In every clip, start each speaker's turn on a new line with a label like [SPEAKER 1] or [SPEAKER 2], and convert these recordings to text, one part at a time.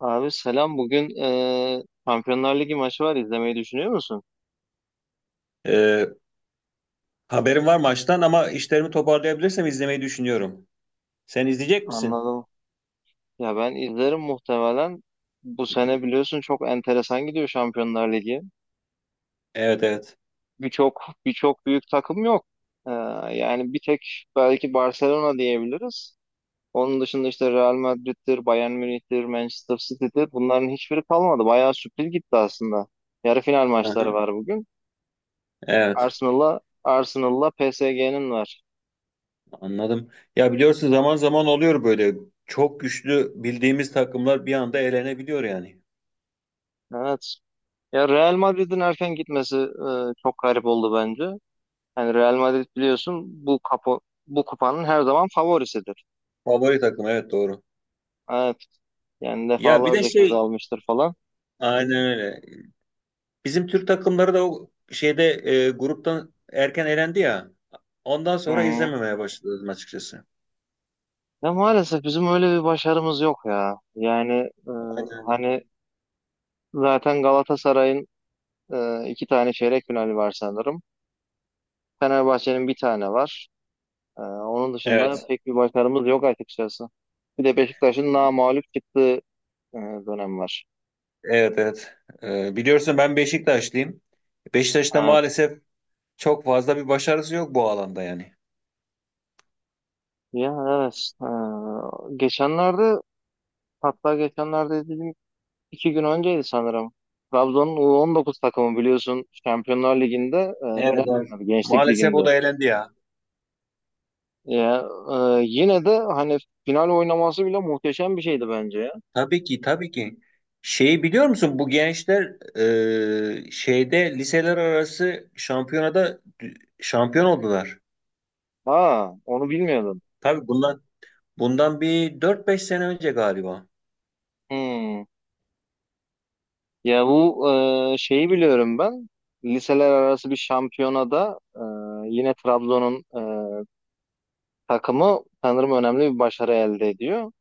[SPEAKER 1] Abi selam. Bugün Şampiyonlar Ligi maçı var. İzlemeyi düşünüyor musun?
[SPEAKER 2] Ee, Haberim var maçtan ama işlerimi toparlayabilirsem izlemeyi düşünüyorum. Sen izleyecek misin?
[SPEAKER 1] Anladım. Ya ben izlerim muhtemelen. Bu sene biliyorsun çok enteresan gidiyor Şampiyonlar Ligi.
[SPEAKER 2] Evet, evet.
[SPEAKER 1] Birçok büyük takım yok. E, Yani bir tek belki Barcelona diyebiliriz. Onun dışında işte Real Madrid'dir, Bayern Münih'tir, Manchester City'dir. Bunların hiçbiri kalmadı. Bayağı sürpriz gitti aslında. Yarı final maçları
[SPEAKER 2] Aha,
[SPEAKER 1] var bugün.
[SPEAKER 2] evet,
[SPEAKER 1] Arsenal'la PSG'nin var.
[SPEAKER 2] anladım. Ya, biliyorsun zaman zaman oluyor böyle. Çok güçlü bildiğimiz takımlar bir anda elenebiliyor yani.
[SPEAKER 1] Evet. Ya Real Madrid'in erken gitmesi çok garip oldu bence. Yani Real Madrid biliyorsun bu kupanın her zaman favorisidir.
[SPEAKER 2] Favori takım, evet, doğru.
[SPEAKER 1] Evet. Yani
[SPEAKER 2] Ya bir de
[SPEAKER 1] defalarca kez
[SPEAKER 2] şey,
[SPEAKER 1] almıştır falan.
[SPEAKER 2] aynen öyle. Bizim Türk takımları da o şeyde gruptan erken elendi ya. Ondan
[SPEAKER 1] Hı
[SPEAKER 2] sonra
[SPEAKER 1] hı.
[SPEAKER 2] izlememeye başladım açıkçası.
[SPEAKER 1] Ya maalesef bizim öyle bir başarımız yok ya. Yani e,
[SPEAKER 2] Aynen öyle.
[SPEAKER 1] hani zaten Galatasaray'ın iki tane çeyrek finali var sanırım. Fenerbahçe'nin bir tane var. Onun dışında, evet,
[SPEAKER 2] Evet.
[SPEAKER 1] pek bir başarımız yok açıkçası. Bir de Beşiktaşın namağlup çıktığı e, dönem var.
[SPEAKER 2] Evet, evet. Biliyorsun ben Beşiktaşlıyım. Beşiktaş'ta
[SPEAKER 1] Evet.
[SPEAKER 2] maalesef çok fazla bir başarısı yok bu alanda yani.
[SPEAKER 1] Ya, evet. Geçenlerde, hatta geçenlerde dedim, iki gün önceydi sanırım. Trabzon'un U19 takımı biliyorsun Şampiyonlar Ligi'nde
[SPEAKER 2] Evet,
[SPEAKER 1] final
[SPEAKER 2] evet.
[SPEAKER 1] oynadı Gençlik
[SPEAKER 2] Maalesef
[SPEAKER 1] Ligi'nde.
[SPEAKER 2] o da elendi ya.
[SPEAKER 1] Ya, yine de hani final oynaması bile muhteşem bir şeydi bence ya.
[SPEAKER 2] Tabii ki, tabii ki. Şeyi biliyor musun bu gençler şeyde liseler arası şampiyonada şampiyon oldular.
[SPEAKER 1] Ha, onu bilmiyordum.
[SPEAKER 2] Tabii bundan bir dört beş sene önce galiba.
[SPEAKER 1] Hmm. Ya bu şeyi biliyorum ben. Liseler arası bir şampiyonada yine Trabzon'un takımı sanırım önemli bir başarı elde ediyor.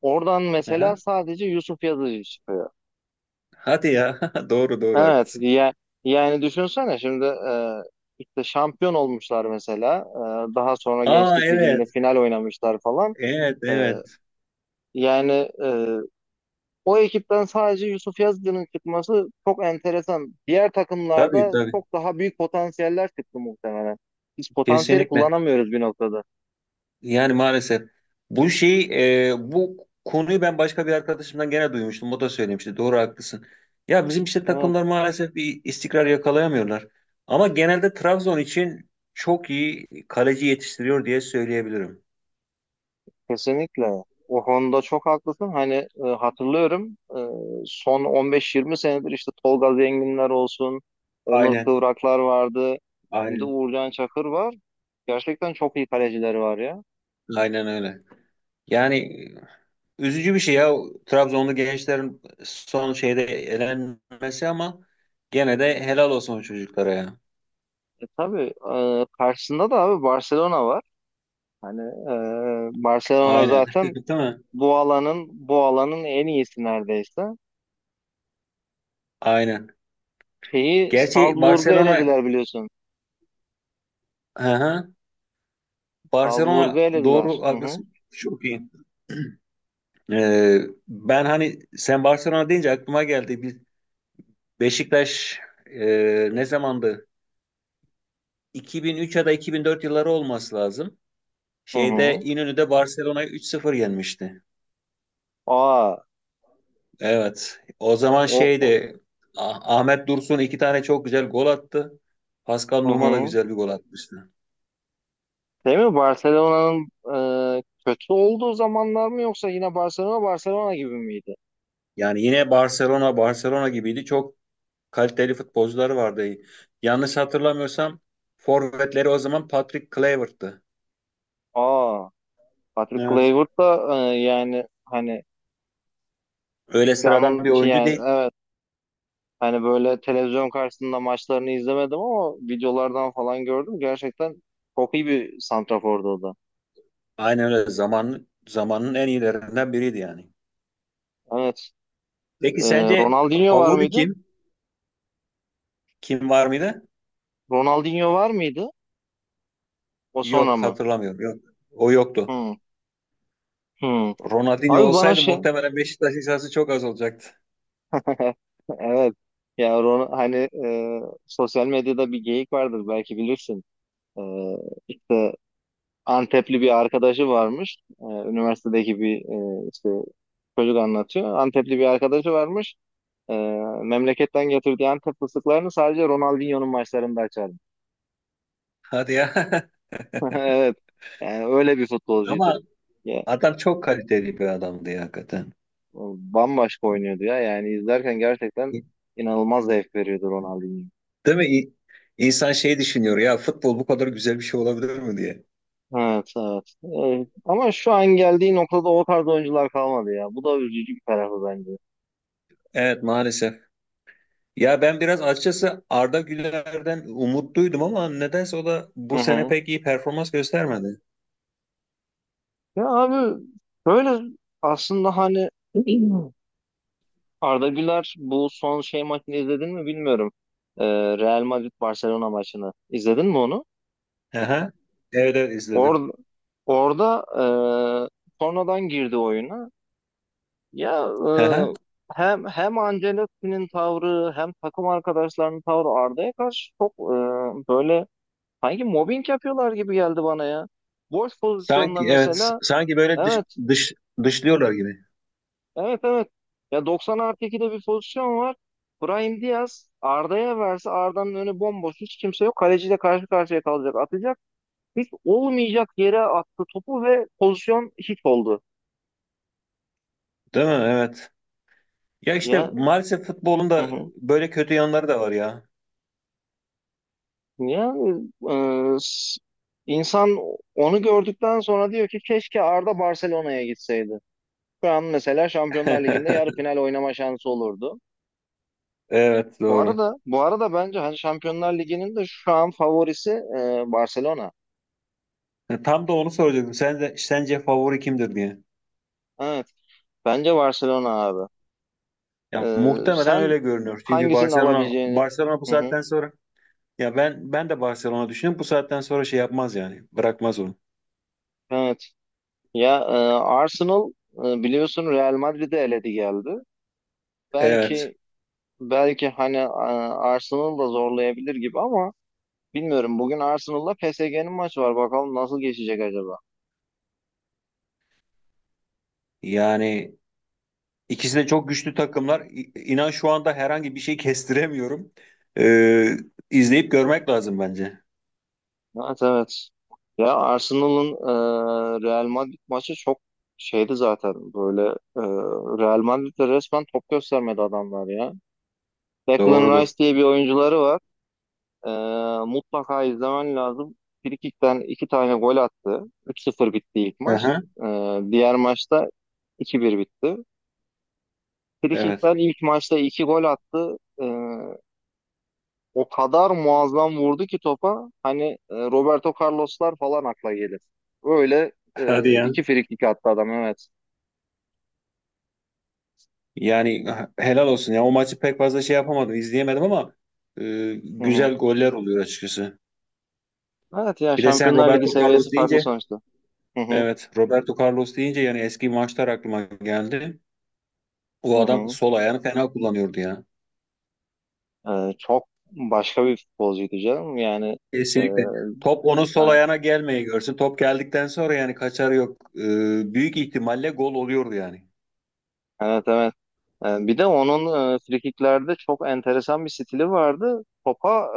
[SPEAKER 1] Oradan mesela
[SPEAKER 2] Aha.
[SPEAKER 1] sadece Yusuf Yazıcı çıkıyor.
[SPEAKER 2] Hadi ya. Doğru, doğru,
[SPEAKER 1] Evet
[SPEAKER 2] haklısın.
[SPEAKER 1] ya, yani düşünsene şimdi işte şampiyon olmuşlar mesela. Daha sonra
[SPEAKER 2] Aa,
[SPEAKER 1] Gençlik Ligi'nde
[SPEAKER 2] evet.
[SPEAKER 1] final oynamışlar falan.
[SPEAKER 2] Evet,
[SPEAKER 1] E,
[SPEAKER 2] evet.
[SPEAKER 1] Yani e, o ekipten sadece Yusuf Yazıcı'nın çıkması çok enteresan. Diğer
[SPEAKER 2] Tabii,
[SPEAKER 1] takımlarda
[SPEAKER 2] tabii.
[SPEAKER 1] çok daha büyük potansiyeller çıktı muhtemelen. Biz potansiyeli
[SPEAKER 2] Kesinlikle.
[SPEAKER 1] kullanamıyoruz bir noktada.
[SPEAKER 2] Yani maalesef bu şey, bu konuyu ben başka bir arkadaşımdan gene duymuştum. O da söylemişti. Doğru, haklısın. Ya bizim işte
[SPEAKER 1] Evet.
[SPEAKER 2] takımlar maalesef bir istikrar yakalayamıyorlar. Ama genelde Trabzon için çok iyi kaleci yetiştiriyor diye söyleyebilirim.
[SPEAKER 1] Kesinlikle. O konuda çok haklısın. Hani hatırlıyorum, son 15-20 senedir işte Tolga Zenginler olsun, Onur
[SPEAKER 2] Aynen,
[SPEAKER 1] Kıvraklar vardı. Şimdi
[SPEAKER 2] aynen.
[SPEAKER 1] Uğurcan Çakır var. Gerçekten çok iyi kalecileri var ya.
[SPEAKER 2] Aynen öyle. Yani üzücü bir şey ya, Trabzonlu gençlerin son şeyde elenmesi, ama gene de helal olsun o çocuklara ya.
[SPEAKER 1] Tabii karşısında da abi Barcelona var. Hani Barcelona
[SPEAKER 2] Aynen.
[SPEAKER 1] zaten
[SPEAKER 2] Değil mi?
[SPEAKER 1] bu alanın en iyisi neredeyse.
[SPEAKER 2] Aynen.
[SPEAKER 1] Şeyi
[SPEAKER 2] Gerçi
[SPEAKER 1] Salzburg'u
[SPEAKER 2] Barcelona.
[SPEAKER 1] elediler biliyorsun.
[SPEAKER 2] Hı hı.
[SPEAKER 1] Salzburg'u
[SPEAKER 2] Barcelona, doğru,
[SPEAKER 1] elediler. Hı hı.
[SPEAKER 2] haklısın. Çok iyi. Ee, Ben hani sen Barcelona deyince aklıma geldi. Bir Beşiktaş, ne zamandı? 2003 ya da 2004 yılları olması lazım.
[SPEAKER 1] Hı
[SPEAKER 2] Şeyde
[SPEAKER 1] hı.
[SPEAKER 2] İnönü'de Barcelona'yı 3-0 yenmişti.
[SPEAKER 1] Aa,
[SPEAKER 2] Evet. O zaman
[SPEAKER 1] o, o-
[SPEAKER 2] şeydi. Ahmet Dursun iki tane çok güzel gol attı. Pascal
[SPEAKER 1] hı
[SPEAKER 2] Nouma da
[SPEAKER 1] hı.
[SPEAKER 2] güzel bir gol atmıştı.
[SPEAKER 1] Değil mi? Barcelona'nın kötü olduğu zamanlar mı, yoksa yine Barcelona Barcelona gibi miydi?
[SPEAKER 2] Yani yine Barcelona Barcelona gibiydi. Çok kaliteli futbolcuları vardı. Yanlış hatırlamıyorsam forvetleri o zaman Patrick Kluivert'tı.
[SPEAKER 1] Aa, Patrick
[SPEAKER 2] Evet.
[SPEAKER 1] Kluivert da yani hani,
[SPEAKER 2] Öyle sıradan bir
[SPEAKER 1] ben şey,
[SPEAKER 2] oyuncu
[SPEAKER 1] yani
[SPEAKER 2] değil.
[SPEAKER 1] evet, hani böyle televizyon karşısında maçlarını izlemedim ama videolardan falan gördüm. Gerçekten çok iyi bir santrafordu o da.
[SPEAKER 2] Aynen öyle, zamanın en iyilerinden biriydi yani.
[SPEAKER 1] Evet.
[SPEAKER 2] Peki sence
[SPEAKER 1] Ronaldinho var
[SPEAKER 2] favori
[SPEAKER 1] mıydı?
[SPEAKER 2] kim? Kim var mıydı?
[SPEAKER 1] Ronaldinho var mıydı? O sonra
[SPEAKER 2] Yok,
[SPEAKER 1] mı?
[SPEAKER 2] hatırlamıyorum. Yok. O yoktu.
[SPEAKER 1] Hmm. Hmm.
[SPEAKER 2] Ronaldinho
[SPEAKER 1] Abi bana
[SPEAKER 2] olsaydı
[SPEAKER 1] şey.
[SPEAKER 2] muhtemelen Beşiktaş hissası çok az olacaktı.
[SPEAKER 1] Evet. Ya Ron, hani, e, sosyal medyada bir geyik vardır belki bilirsin. E, işte Antepli bir arkadaşı varmış. Üniversitedeki bir, işte, çocuk anlatıyor. Antepli bir arkadaşı varmış. Ee, Memleketten getirdiği Antep fıstıklarını sadece Ronaldinho'nun maçlarında açardı.
[SPEAKER 2] Hadi ya.
[SPEAKER 1] Evet. Yani öyle bir futbolcuydu.
[SPEAKER 2] Ama
[SPEAKER 1] Ya,
[SPEAKER 2] adam çok kaliteli bir adamdı ya, hakikaten.
[SPEAKER 1] bambaşka oynuyordu ya. Yani izlerken gerçekten inanılmaz zevk veriyordu Ronaldinho.
[SPEAKER 2] Değil mi? İnsan şey düşünüyor ya, futbol bu kadar güzel bir şey olabilir mi diye.
[SPEAKER 1] Evet, evet. Ama şu an geldiği noktada o tarz oyuncular kalmadı ya. Bu da üzücü bir tarafı bence.
[SPEAKER 2] Evet, maalesef. Ya ben biraz açıkçası Arda Güler'den umutluydum ama nedense o da
[SPEAKER 1] Hı
[SPEAKER 2] bu sene
[SPEAKER 1] hı.
[SPEAKER 2] pek iyi performans göstermedi.
[SPEAKER 1] Ya abi, böyle, aslında hani. Arda Güler bu son şey maçını izledin mi bilmiyorum. Ee, Real Madrid Barcelona maçını izledin mi onu?
[SPEAKER 2] Aha. Evet, evet, izledim.
[SPEAKER 1] Orada orada sonradan girdi oyuna. Ya,
[SPEAKER 2] Aha.
[SPEAKER 1] hem Ancelotti'nin tavrı hem takım arkadaşlarının tavrı Arda'ya karşı çok böyle, sanki mobbing yapıyorlar gibi geldi bana ya. Boş pozisyonda
[SPEAKER 2] Sanki evet,
[SPEAKER 1] mesela,
[SPEAKER 2] sanki böyle
[SPEAKER 1] evet,
[SPEAKER 2] dış, dışlıyorlar gibi.
[SPEAKER 1] evet, evet, ya 90 artı 2'de bir pozisyon var. Brahim Diaz Arda'ya verse, Arda'nın önü bomboş, hiç kimse yok. Kaleciyle karşı karşıya kalacak, atacak. Hiç olmayacak yere attı topu ve pozisyon hit oldu.
[SPEAKER 2] Değil mi? Evet. Ya işte
[SPEAKER 1] Ya,
[SPEAKER 2] maalesef futbolun
[SPEAKER 1] hı
[SPEAKER 2] da
[SPEAKER 1] hı.
[SPEAKER 2] böyle kötü yanları da var ya.
[SPEAKER 1] Yani insan onu gördükten sonra diyor ki keşke Arda Barcelona'ya gitseydi. Şu an mesela Şampiyonlar Ligi'nde yarı final oynama şansı olurdu.
[SPEAKER 2] Evet,
[SPEAKER 1] Bu
[SPEAKER 2] doğru.
[SPEAKER 1] arada bu arada bence hani Şampiyonlar Ligi'nin de şu an favorisi Barcelona.
[SPEAKER 2] Tam da onu soracaktım. Sen de, sence favori kimdir diye.
[SPEAKER 1] Evet. Bence Barcelona abi.
[SPEAKER 2] Ya muhtemelen
[SPEAKER 1] Sen
[SPEAKER 2] öyle görünüyor. Çünkü
[SPEAKER 1] hangisini
[SPEAKER 2] Barcelona
[SPEAKER 1] alabileceğini.
[SPEAKER 2] Barcelona bu
[SPEAKER 1] Hı hı.
[SPEAKER 2] saatten sonra. Ya ben de Barcelona düşünüyorum. Bu saatten sonra şey yapmaz yani. Bırakmaz onu.
[SPEAKER 1] Evet. Ya, Arsenal biliyorsun Real Madrid'i eledi geldi.
[SPEAKER 2] Evet.
[SPEAKER 1] Belki belki hani, Arsenal da zorlayabilir gibi, ama bilmiyorum. Bugün Arsenal'la PSG'nin maçı var. Bakalım nasıl geçecek acaba?
[SPEAKER 2] Yani ikisi de çok güçlü takımlar. İnan şu anda herhangi bir şey kestiremiyorum. Ee, izleyip görmek lazım bence.
[SPEAKER 1] Evet, evet. Ya Arsenal'ın Real Madrid maçı çok şeydi zaten, böyle, e, Real Madrid'de resmen top göstermedi adamlar ya. Declan
[SPEAKER 2] Doğrudur.
[SPEAKER 1] Rice diye bir oyuncuları var. E, Mutlaka izlemen lazım. Frikikten iki tane gol attı. 3-0 bitti ilk maç.
[SPEAKER 2] Aha,
[SPEAKER 1] Diğer maçta 2-1 bitti.
[SPEAKER 2] evet.
[SPEAKER 1] Frikikten ilk maçta iki gol attı. E, O kadar muazzam vurdu ki topa. Hani, Roberto Carlos'lar falan akla gelir. Öyle
[SPEAKER 2] Hadi ya.
[SPEAKER 1] iki frikik attı adam, evet.
[SPEAKER 2] Yani helal olsun ya. O maçı pek fazla şey yapamadım, izleyemedim ama
[SPEAKER 1] Hı hı.
[SPEAKER 2] güzel goller oluyor açıkçası.
[SPEAKER 1] Evet ya,
[SPEAKER 2] Bir de sen
[SPEAKER 1] Şampiyonlar Ligi
[SPEAKER 2] Roberto
[SPEAKER 1] seviyesi
[SPEAKER 2] Carlos
[SPEAKER 1] farklı
[SPEAKER 2] deyince,
[SPEAKER 1] sonuçta. Hı hı.
[SPEAKER 2] evet, Roberto Carlos deyince yani eski maçlar aklıma geldi.
[SPEAKER 1] Hı
[SPEAKER 2] O adam
[SPEAKER 1] hı.
[SPEAKER 2] sol ayağını fena kullanıyordu ya.
[SPEAKER 1] Çok başka bir futbolcuydu canım. Yani, e,
[SPEAKER 2] Kesinlikle. Top onun sol
[SPEAKER 1] evet,
[SPEAKER 2] ayağına gelmeye görsün. Top geldikten sonra yani kaçarı yok. Büyük ihtimalle gol oluyordu yani.
[SPEAKER 1] evet. Evet. Bir de onun frikiklerde çok enteresan bir stili vardı. Topa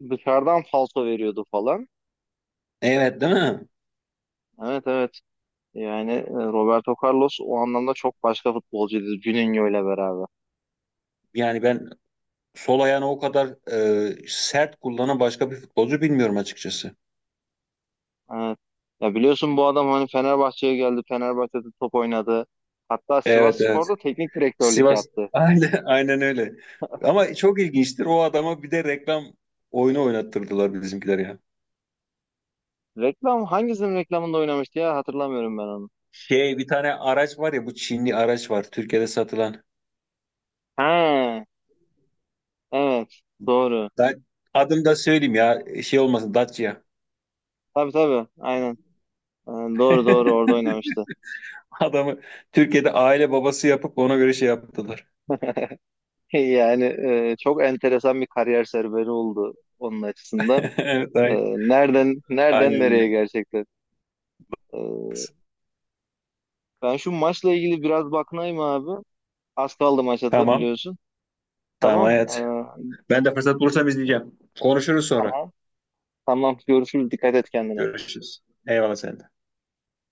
[SPEAKER 1] dışarıdan falso veriyordu falan.
[SPEAKER 2] Evet, değil mi?
[SPEAKER 1] Evet, evet. Yani Roberto Carlos o anlamda çok başka futbolcuydu, Juninho ile beraber.
[SPEAKER 2] Yani ben sol ayağını o kadar sert kullanan başka bir futbolcu bilmiyorum açıkçası.
[SPEAKER 1] Evet. Ya biliyorsun, bu adam hani Fenerbahçe'ye geldi. Fenerbahçe'de top oynadı. Hatta
[SPEAKER 2] Evet, evet.
[SPEAKER 1] Sivasspor'da teknik direktörlük
[SPEAKER 2] Sivas.
[SPEAKER 1] yaptı.
[SPEAKER 2] Aynen, aynen öyle. Ama çok ilginçtir. O adama bir de reklam oyunu oynattırdılar bizimkiler ya.
[SPEAKER 1] Hangisinin reklamında oynamıştı ya, hatırlamıyorum ben onu.
[SPEAKER 2] Şey, bir tane araç var ya, bu Çinli araç var Türkiye'de satılan.
[SPEAKER 1] He, evet, doğru.
[SPEAKER 2] Ben adını da söyleyeyim ya, şey olmasın, Dacia.
[SPEAKER 1] Tabii, tabii, aynen. E, Doğru, doğru, orada oynamıştı.
[SPEAKER 2] Adamı Türkiye'de aile babası yapıp ona göre şey yaptılar.
[SPEAKER 1] Yani çok enteresan bir kariyer serüveni oldu onun açısından.
[SPEAKER 2] Evet,
[SPEAKER 1] Nereden
[SPEAKER 2] aynen
[SPEAKER 1] nereden nereye
[SPEAKER 2] öyle.
[SPEAKER 1] gerçekten. E, Ben şu maçla ilgili biraz bakınayım abi. Az kaldı maça da
[SPEAKER 2] Tamam.
[SPEAKER 1] biliyorsun.
[SPEAKER 2] Tamam,
[SPEAKER 1] Tamam.
[SPEAKER 2] hayat. Ben de fırsat bulursam izleyeceğim. Konuşuruz sonra.
[SPEAKER 1] Tamam. Tamam. Görüşürüz. Dikkat et kendine.
[SPEAKER 2] Görüşürüz. Eyvallah, sen de.